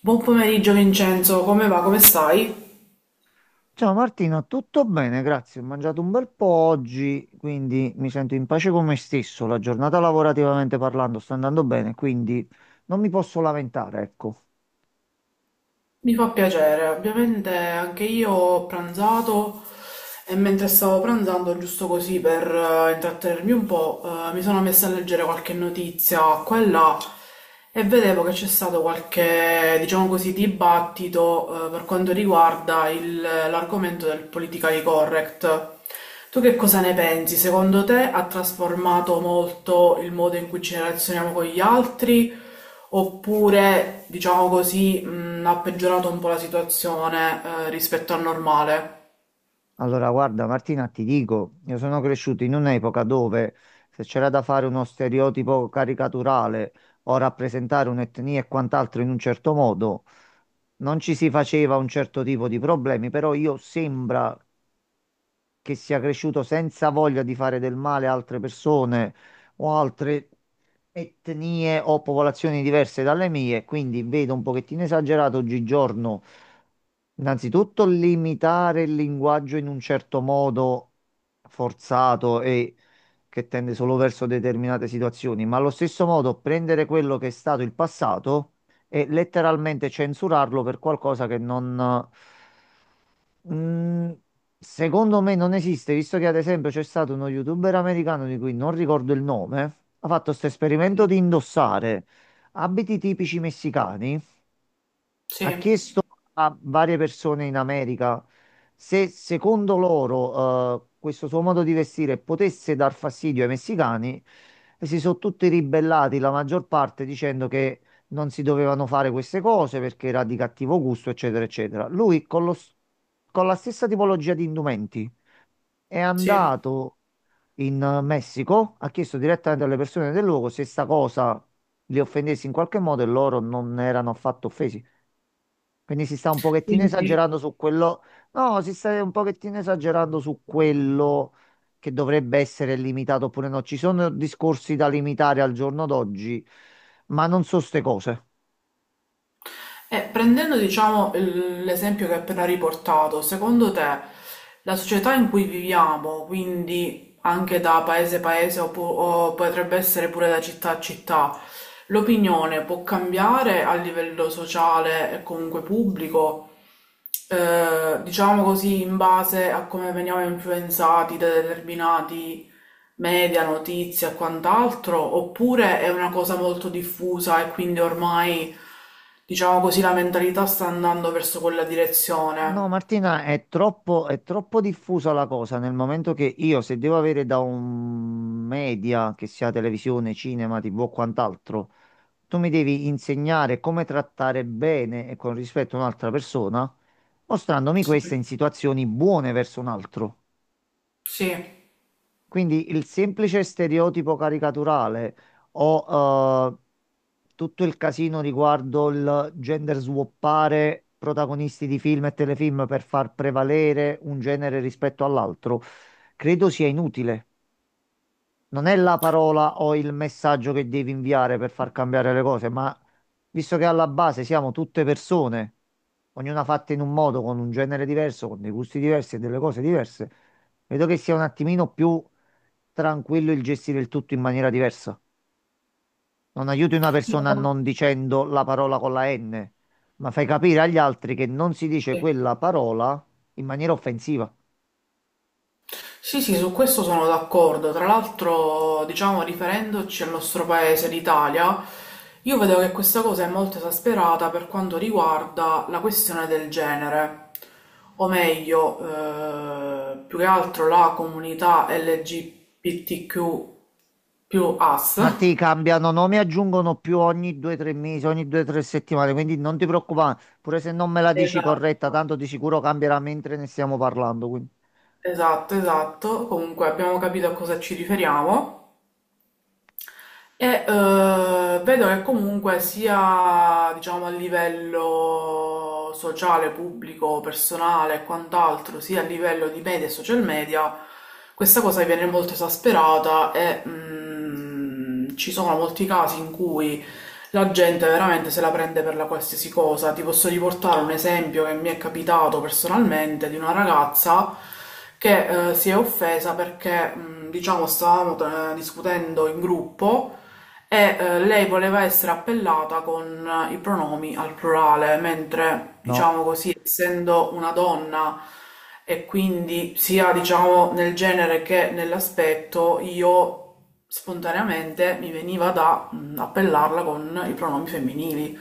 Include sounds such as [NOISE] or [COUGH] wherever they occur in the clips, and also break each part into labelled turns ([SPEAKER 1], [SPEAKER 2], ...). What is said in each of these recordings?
[SPEAKER 1] Buon pomeriggio Vincenzo, come va? Come stai?
[SPEAKER 2] Ciao Martina, tutto bene? Grazie. Ho mangiato un bel po' oggi, quindi mi sento in pace con me stesso. La giornata lavorativamente parlando sta andando bene, quindi non mi posso lamentare, ecco.
[SPEAKER 1] Mi fa piacere, ovviamente anche io ho pranzato e mentre stavo pranzando, giusto così per intrattenermi un po', mi sono messa a leggere qualche notizia qua e là e vedevo che c'è stato qualche, diciamo così, dibattito per quanto riguarda l'argomento del politically correct. Tu che cosa ne pensi? Secondo te ha trasformato molto il modo in cui ci relazioniamo con gli altri? Oppure, diciamo così, ha peggiorato un po' la situazione, rispetto al normale?
[SPEAKER 2] Allora, guarda, Martina, ti dico, io sono cresciuto in un'epoca dove se c'era da fare uno stereotipo caricaturale o rappresentare un'etnia e quant'altro in un certo modo, non ci si faceva un certo tipo di problemi, però io sembra che sia cresciuto senza voglia di fare del male a altre persone o altre etnie o popolazioni diverse dalle mie, quindi vedo un pochettino esagerato oggigiorno. Innanzitutto limitare il linguaggio in un certo modo forzato e che tende solo verso determinate situazioni, ma allo stesso modo prendere quello che è stato il passato e letteralmente censurarlo per qualcosa che non, Mm, secondo me non esiste, visto che ad esempio c'è stato uno youtuber americano di cui non ricordo il nome, ha fatto questo esperimento
[SPEAKER 1] Sì.
[SPEAKER 2] di indossare abiti tipici messicani.
[SPEAKER 1] Sì,
[SPEAKER 2] Ha chiesto a varie persone in America se secondo loro questo suo modo di vestire potesse dar fastidio ai messicani e si sono tutti ribellati, la maggior parte dicendo che non si dovevano fare queste cose perché era di cattivo gusto, eccetera, eccetera. Lui con con la stessa tipologia di indumenti è
[SPEAKER 1] sì.
[SPEAKER 2] andato in Messico, ha chiesto direttamente alle persone del luogo se sta cosa li offendesse in qualche modo e loro non erano affatto offesi. Quindi si sta un pochettino
[SPEAKER 1] Quindi.
[SPEAKER 2] esagerando su quello. No, si sta un pochettino esagerando su quello che dovrebbe essere limitato oppure no. Ci sono discorsi da limitare al giorno d'oggi, ma non so ste cose.
[SPEAKER 1] E prendendo, diciamo, l'esempio che hai appena riportato, secondo te la società in cui viviamo, quindi anche da paese a paese o, o potrebbe essere pure da città a città, l'opinione può cambiare a livello sociale e comunque pubblico, diciamo così, in base a come veniamo influenzati da determinati media, notizie e quant'altro, oppure è una cosa molto diffusa e quindi ormai, diciamo così, la mentalità sta andando verso quella
[SPEAKER 2] No,
[SPEAKER 1] direzione.
[SPEAKER 2] Martina, è troppo diffusa la cosa nel momento che io, se devo avere da un media, che sia televisione, cinema, TV o quant'altro, tu mi devi insegnare come trattare bene e con rispetto un'altra persona, mostrandomi
[SPEAKER 1] Sì.
[SPEAKER 2] questa in situazioni buone verso un altro.
[SPEAKER 1] Sì.
[SPEAKER 2] Quindi il semplice stereotipo caricaturale o tutto il casino riguardo il gender swappare protagonisti di film e telefilm per far prevalere un genere rispetto all'altro, credo sia inutile. Non è la parola o il messaggio che devi inviare per far cambiare le cose, ma visto che alla base siamo tutte persone, ognuna fatta in un modo, con un genere diverso, con dei gusti diversi e delle cose diverse, vedo che sia un attimino più tranquillo il gestire il tutto in maniera diversa. Non aiuti una persona
[SPEAKER 1] Io-
[SPEAKER 2] non dicendo la parola con la N, ma fai capire agli altri che non si dice
[SPEAKER 1] sì.
[SPEAKER 2] quella parola in maniera offensiva.
[SPEAKER 1] Sì, sì, su questo sono d'accordo. Tra l'altro, diciamo, riferendoci al nostro paese, l'Italia, io vedo che questa cosa è molto esasperata per quanto riguarda la questione del genere, o meglio, più che altro la comunità LGBTQ più AS.
[SPEAKER 2] Martì, cambiano nome e aggiungono più ogni 2-3 mesi, ogni 2-3 settimane, quindi non ti preoccupare, pure se non me la dici
[SPEAKER 1] Esatto,
[SPEAKER 2] corretta, tanto di sicuro cambierà mentre ne stiamo parlando, quindi
[SPEAKER 1] esatto, esatto. Comunque abbiamo capito a cosa ci riferiamo. Vedo che comunque sia, diciamo, a livello sociale, pubblico, personale e quant'altro, sia a livello di media e social media, questa cosa viene molto esasperata e ci sono molti casi in cui la gente veramente se la prende per la qualsiasi cosa. Ti posso riportare un esempio che mi è capitato personalmente di una ragazza che si è offesa perché, diciamo, stavamo discutendo in gruppo lei voleva essere appellata con i pronomi al plurale, mentre,
[SPEAKER 2] no.
[SPEAKER 1] diciamo così, essendo una donna e quindi sia, diciamo, nel genere che nell'aspetto, io spontaneamente mi veniva da appellarla con i pronomi femminili.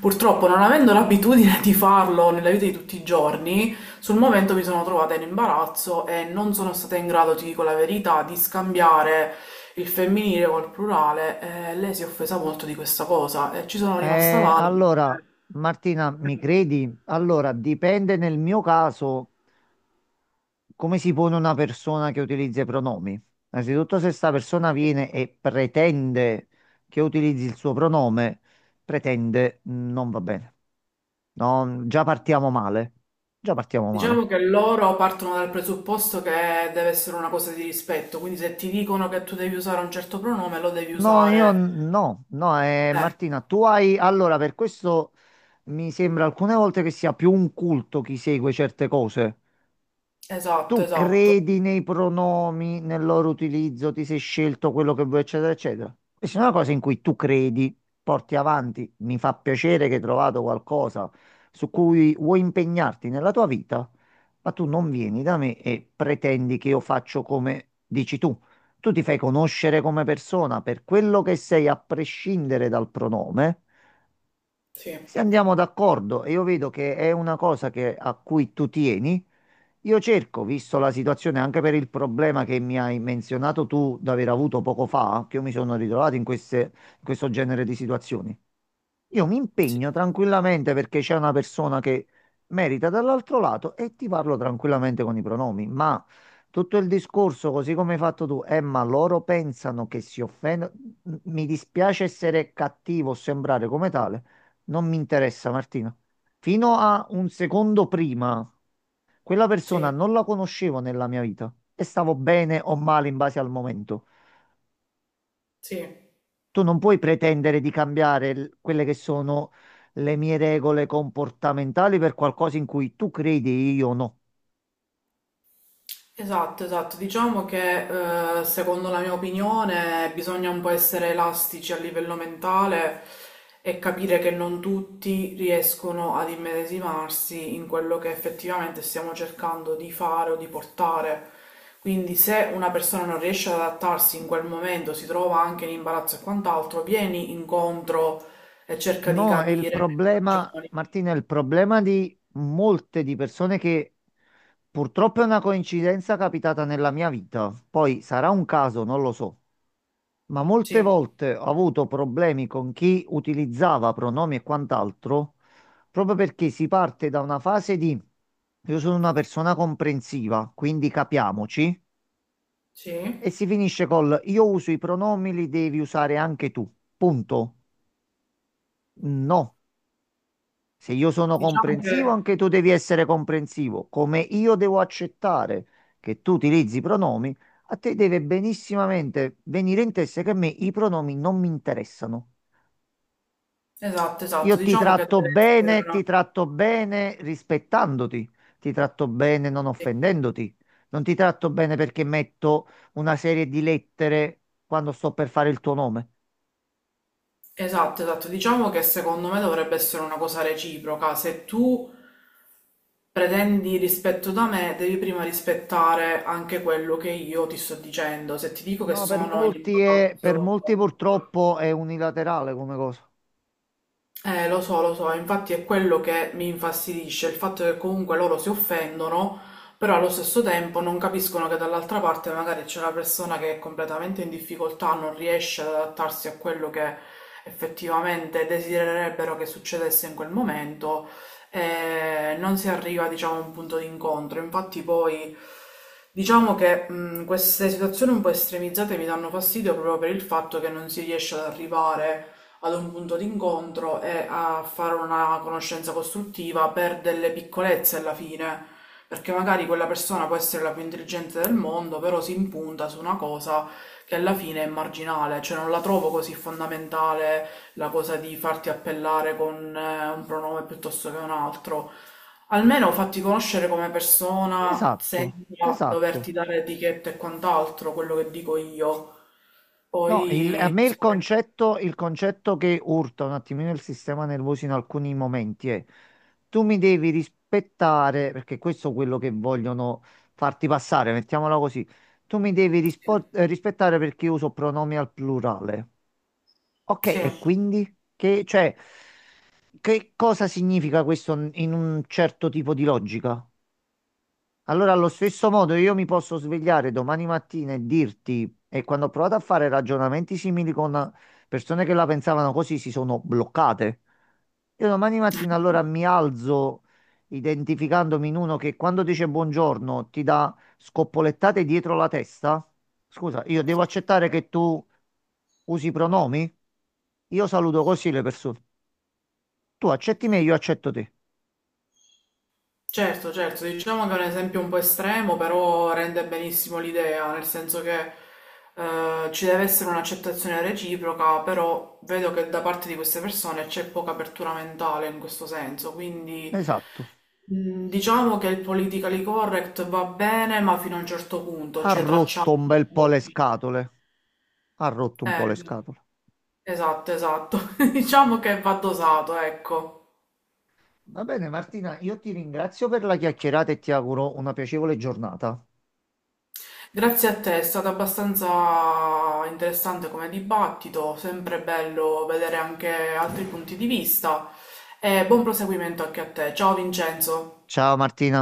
[SPEAKER 1] Purtroppo, non avendo l'abitudine di farlo nella vita di tutti i giorni, sul momento mi sono trovata in imbarazzo e non sono stata in grado, ti dico la verità, di scambiare il femminile col plurale e lei si è offesa molto di questa cosa e ci sono rimasta male.
[SPEAKER 2] Allora, Martina, mi credi? Allora, dipende nel mio caso come si pone una persona che utilizza i pronomi. Innanzitutto, se sta persona viene e pretende che utilizzi il suo pronome, pretende, non va bene. No, già partiamo male. Già partiamo male.
[SPEAKER 1] Diciamo che loro partono dal presupposto che deve essere una cosa di rispetto, quindi se ti dicono che tu devi usare un certo pronome, lo devi
[SPEAKER 2] No,
[SPEAKER 1] usare.
[SPEAKER 2] no, no,
[SPEAKER 1] Eh,
[SPEAKER 2] Martina, tu hai... Allora, per questo mi sembra alcune volte che sia più un culto chi segue certe cose,
[SPEAKER 1] esatto,
[SPEAKER 2] tu
[SPEAKER 1] esatto.
[SPEAKER 2] credi nei pronomi, nel loro utilizzo, ti sei scelto quello che vuoi, eccetera, eccetera. E se è una cosa in cui tu credi, porti avanti, mi fa piacere che hai trovato qualcosa su cui vuoi impegnarti nella tua vita, ma tu non vieni da me e pretendi che io faccio come dici tu. Tu ti fai conoscere come persona per quello che sei, a prescindere dal pronome.
[SPEAKER 1] Sì,
[SPEAKER 2] Se andiamo d'accordo e io vedo che è una cosa che- a cui tu tieni, io cerco, visto la situazione, anche per il problema che mi hai menzionato tu d'aver avuto poco fa, che io mi sono ritrovato in in questo genere di situazioni. Io mi
[SPEAKER 1] sì,
[SPEAKER 2] impegno tranquillamente perché c'è una persona che merita dall'altro lato e ti parlo tranquillamente con i pronomi, ma tutto il discorso, così come hai fatto tu, ma loro pensano che si offendono. Mi dispiace essere cattivo o sembrare come tale, non mi interessa, Martina. Fino a un secondo prima. Quella persona
[SPEAKER 1] sì,
[SPEAKER 2] non la conoscevo nella mia vita e stavo bene o male in base al momento.
[SPEAKER 1] sì.
[SPEAKER 2] Tu non puoi pretendere di cambiare quelle che sono le mie regole comportamentali per qualcosa in cui tu credi e io no.
[SPEAKER 1] Esatto, esatto. Diciamo che secondo la mia opinione bisogna un po' essere elastici a livello mentale e capire che non tutti riescono ad immedesimarsi in quello che effettivamente stiamo cercando di fare o di portare. Quindi se una persona non riesce ad adattarsi in quel momento, si trova anche in imbarazzo e quant'altro, vieni incontro e cerca di
[SPEAKER 2] No, è il
[SPEAKER 1] capire le
[SPEAKER 2] problema,
[SPEAKER 1] ragioni.
[SPEAKER 2] Martina, è il problema di molte di persone che purtroppo è una coincidenza capitata nella mia vita. Poi sarà un caso, non lo so. Ma molte
[SPEAKER 1] Sì,
[SPEAKER 2] volte ho avuto problemi con chi utilizzava pronomi e quant'altro, proprio perché si parte da una fase di io sono una persona comprensiva, quindi capiamoci,
[SPEAKER 1] sì.
[SPEAKER 2] e si finisce col io uso i pronomi, li devi usare anche tu. Punto. No. Se io sono
[SPEAKER 1] Diciamo che,
[SPEAKER 2] comprensivo, anche tu devi essere comprensivo. Come io devo accettare che tu utilizzi i pronomi, a te deve benissimamente venire in testa che a me i pronomi non mi interessano.
[SPEAKER 1] esatto, esatto,
[SPEAKER 2] Io
[SPEAKER 1] diciamo che deve essere una.
[SPEAKER 2] ti tratto bene rispettandoti, ti tratto bene non offendendoti, non ti tratto bene perché metto una serie di lettere quando sto per fare il tuo nome.
[SPEAKER 1] Esatto, esatto. Diciamo che secondo me dovrebbe essere una cosa reciproca. Se tu pretendi rispetto da me, devi prima rispettare anche quello che io ti sto dicendo. Se ti dico che
[SPEAKER 2] No, per
[SPEAKER 1] sono in
[SPEAKER 2] molti è, per
[SPEAKER 1] imbarazzo,
[SPEAKER 2] molti purtroppo è unilaterale come cosa.
[SPEAKER 1] eh, lo so, infatti è quello che mi infastidisce, il fatto che comunque loro si offendono, però allo stesso tempo non capiscono che dall'altra parte magari c'è una persona che è completamente in difficoltà, non riesce ad adattarsi a quello che effettivamente desidererebbero che succedesse in quel momento e non si arriva, diciamo, a un punto di incontro. Infatti poi diciamo che queste situazioni un po' estremizzate mi danno fastidio proprio per il fatto che non si riesce ad arrivare ad un punto d'incontro e a fare una conoscenza costruttiva per delle piccolezze alla fine, perché magari quella persona può essere la più intelligente del mondo, però si impunta su una cosa che alla fine è marginale, cioè non la trovo così fondamentale la cosa di farti appellare con un pronome piuttosto che un altro. Almeno fatti conoscere come persona
[SPEAKER 2] Esatto,
[SPEAKER 1] senza doverti
[SPEAKER 2] esatto.
[SPEAKER 1] dare etichette e quant'altro, quello che dico io.
[SPEAKER 2] No, a
[SPEAKER 1] Poi,
[SPEAKER 2] me il concetto che urta un attimino il sistema nervoso in alcuni momenti è tu mi devi rispettare, perché questo è quello che vogliono farti passare, mettiamola così, tu mi devi rispettare perché io uso pronomi al plurale. Ok, e
[SPEAKER 1] sì.
[SPEAKER 2] quindi che, cioè, che cosa significa questo in un certo tipo di logica? Allora, allo stesso modo, io mi posso svegliare domani mattina e dirti, e quando ho provato a fare ragionamenti simili con persone che la pensavano così, si sono bloccate. Io domani mattina allora mi alzo identificandomi in uno che quando dice buongiorno ti dà scoppolettate dietro la testa. Scusa, io devo
[SPEAKER 1] Sì.
[SPEAKER 2] accettare che tu usi i pronomi? Io saluto così le persone. Tu accetti me, io accetto te.
[SPEAKER 1] Certo, certo, diciamo che è un esempio un po' estremo, però rende benissimo l'idea, nel senso che ci deve essere un'accettazione reciproca, però vedo che da parte di queste persone c'è poca apertura mentale in questo senso, quindi
[SPEAKER 2] Esatto.
[SPEAKER 1] diciamo che il politically correct va bene, ma fino a un certo punto,
[SPEAKER 2] Ha
[SPEAKER 1] cioè tracciamo
[SPEAKER 2] rotto un bel
[SPEAKER 1] i
[SPEAKER 2] po' le
[SPEAKER 1] confini.
[SPEAKER 2] scatole. Ha rotto un po' le
[SPEAKER 1] Eh,
[SPEAKER 2] scatole.
[SPEAKER 1] esatto, esatto, [LAUGHS] diciamo che va dosato, ecco.
[SPEAKER 2] Va bene, Martina, io ti ringrazio per la chiacchierata e ti auguro una piacevole giornata.
[SPEAKER 1] Grazie a te, è stato abbastanza interessante come dibattito, sempre bello vedere anche altri punti di vista e buon proseguimento anche a te. Ciao Vincenzo.
[SPEAKER 2] Ciao Martina.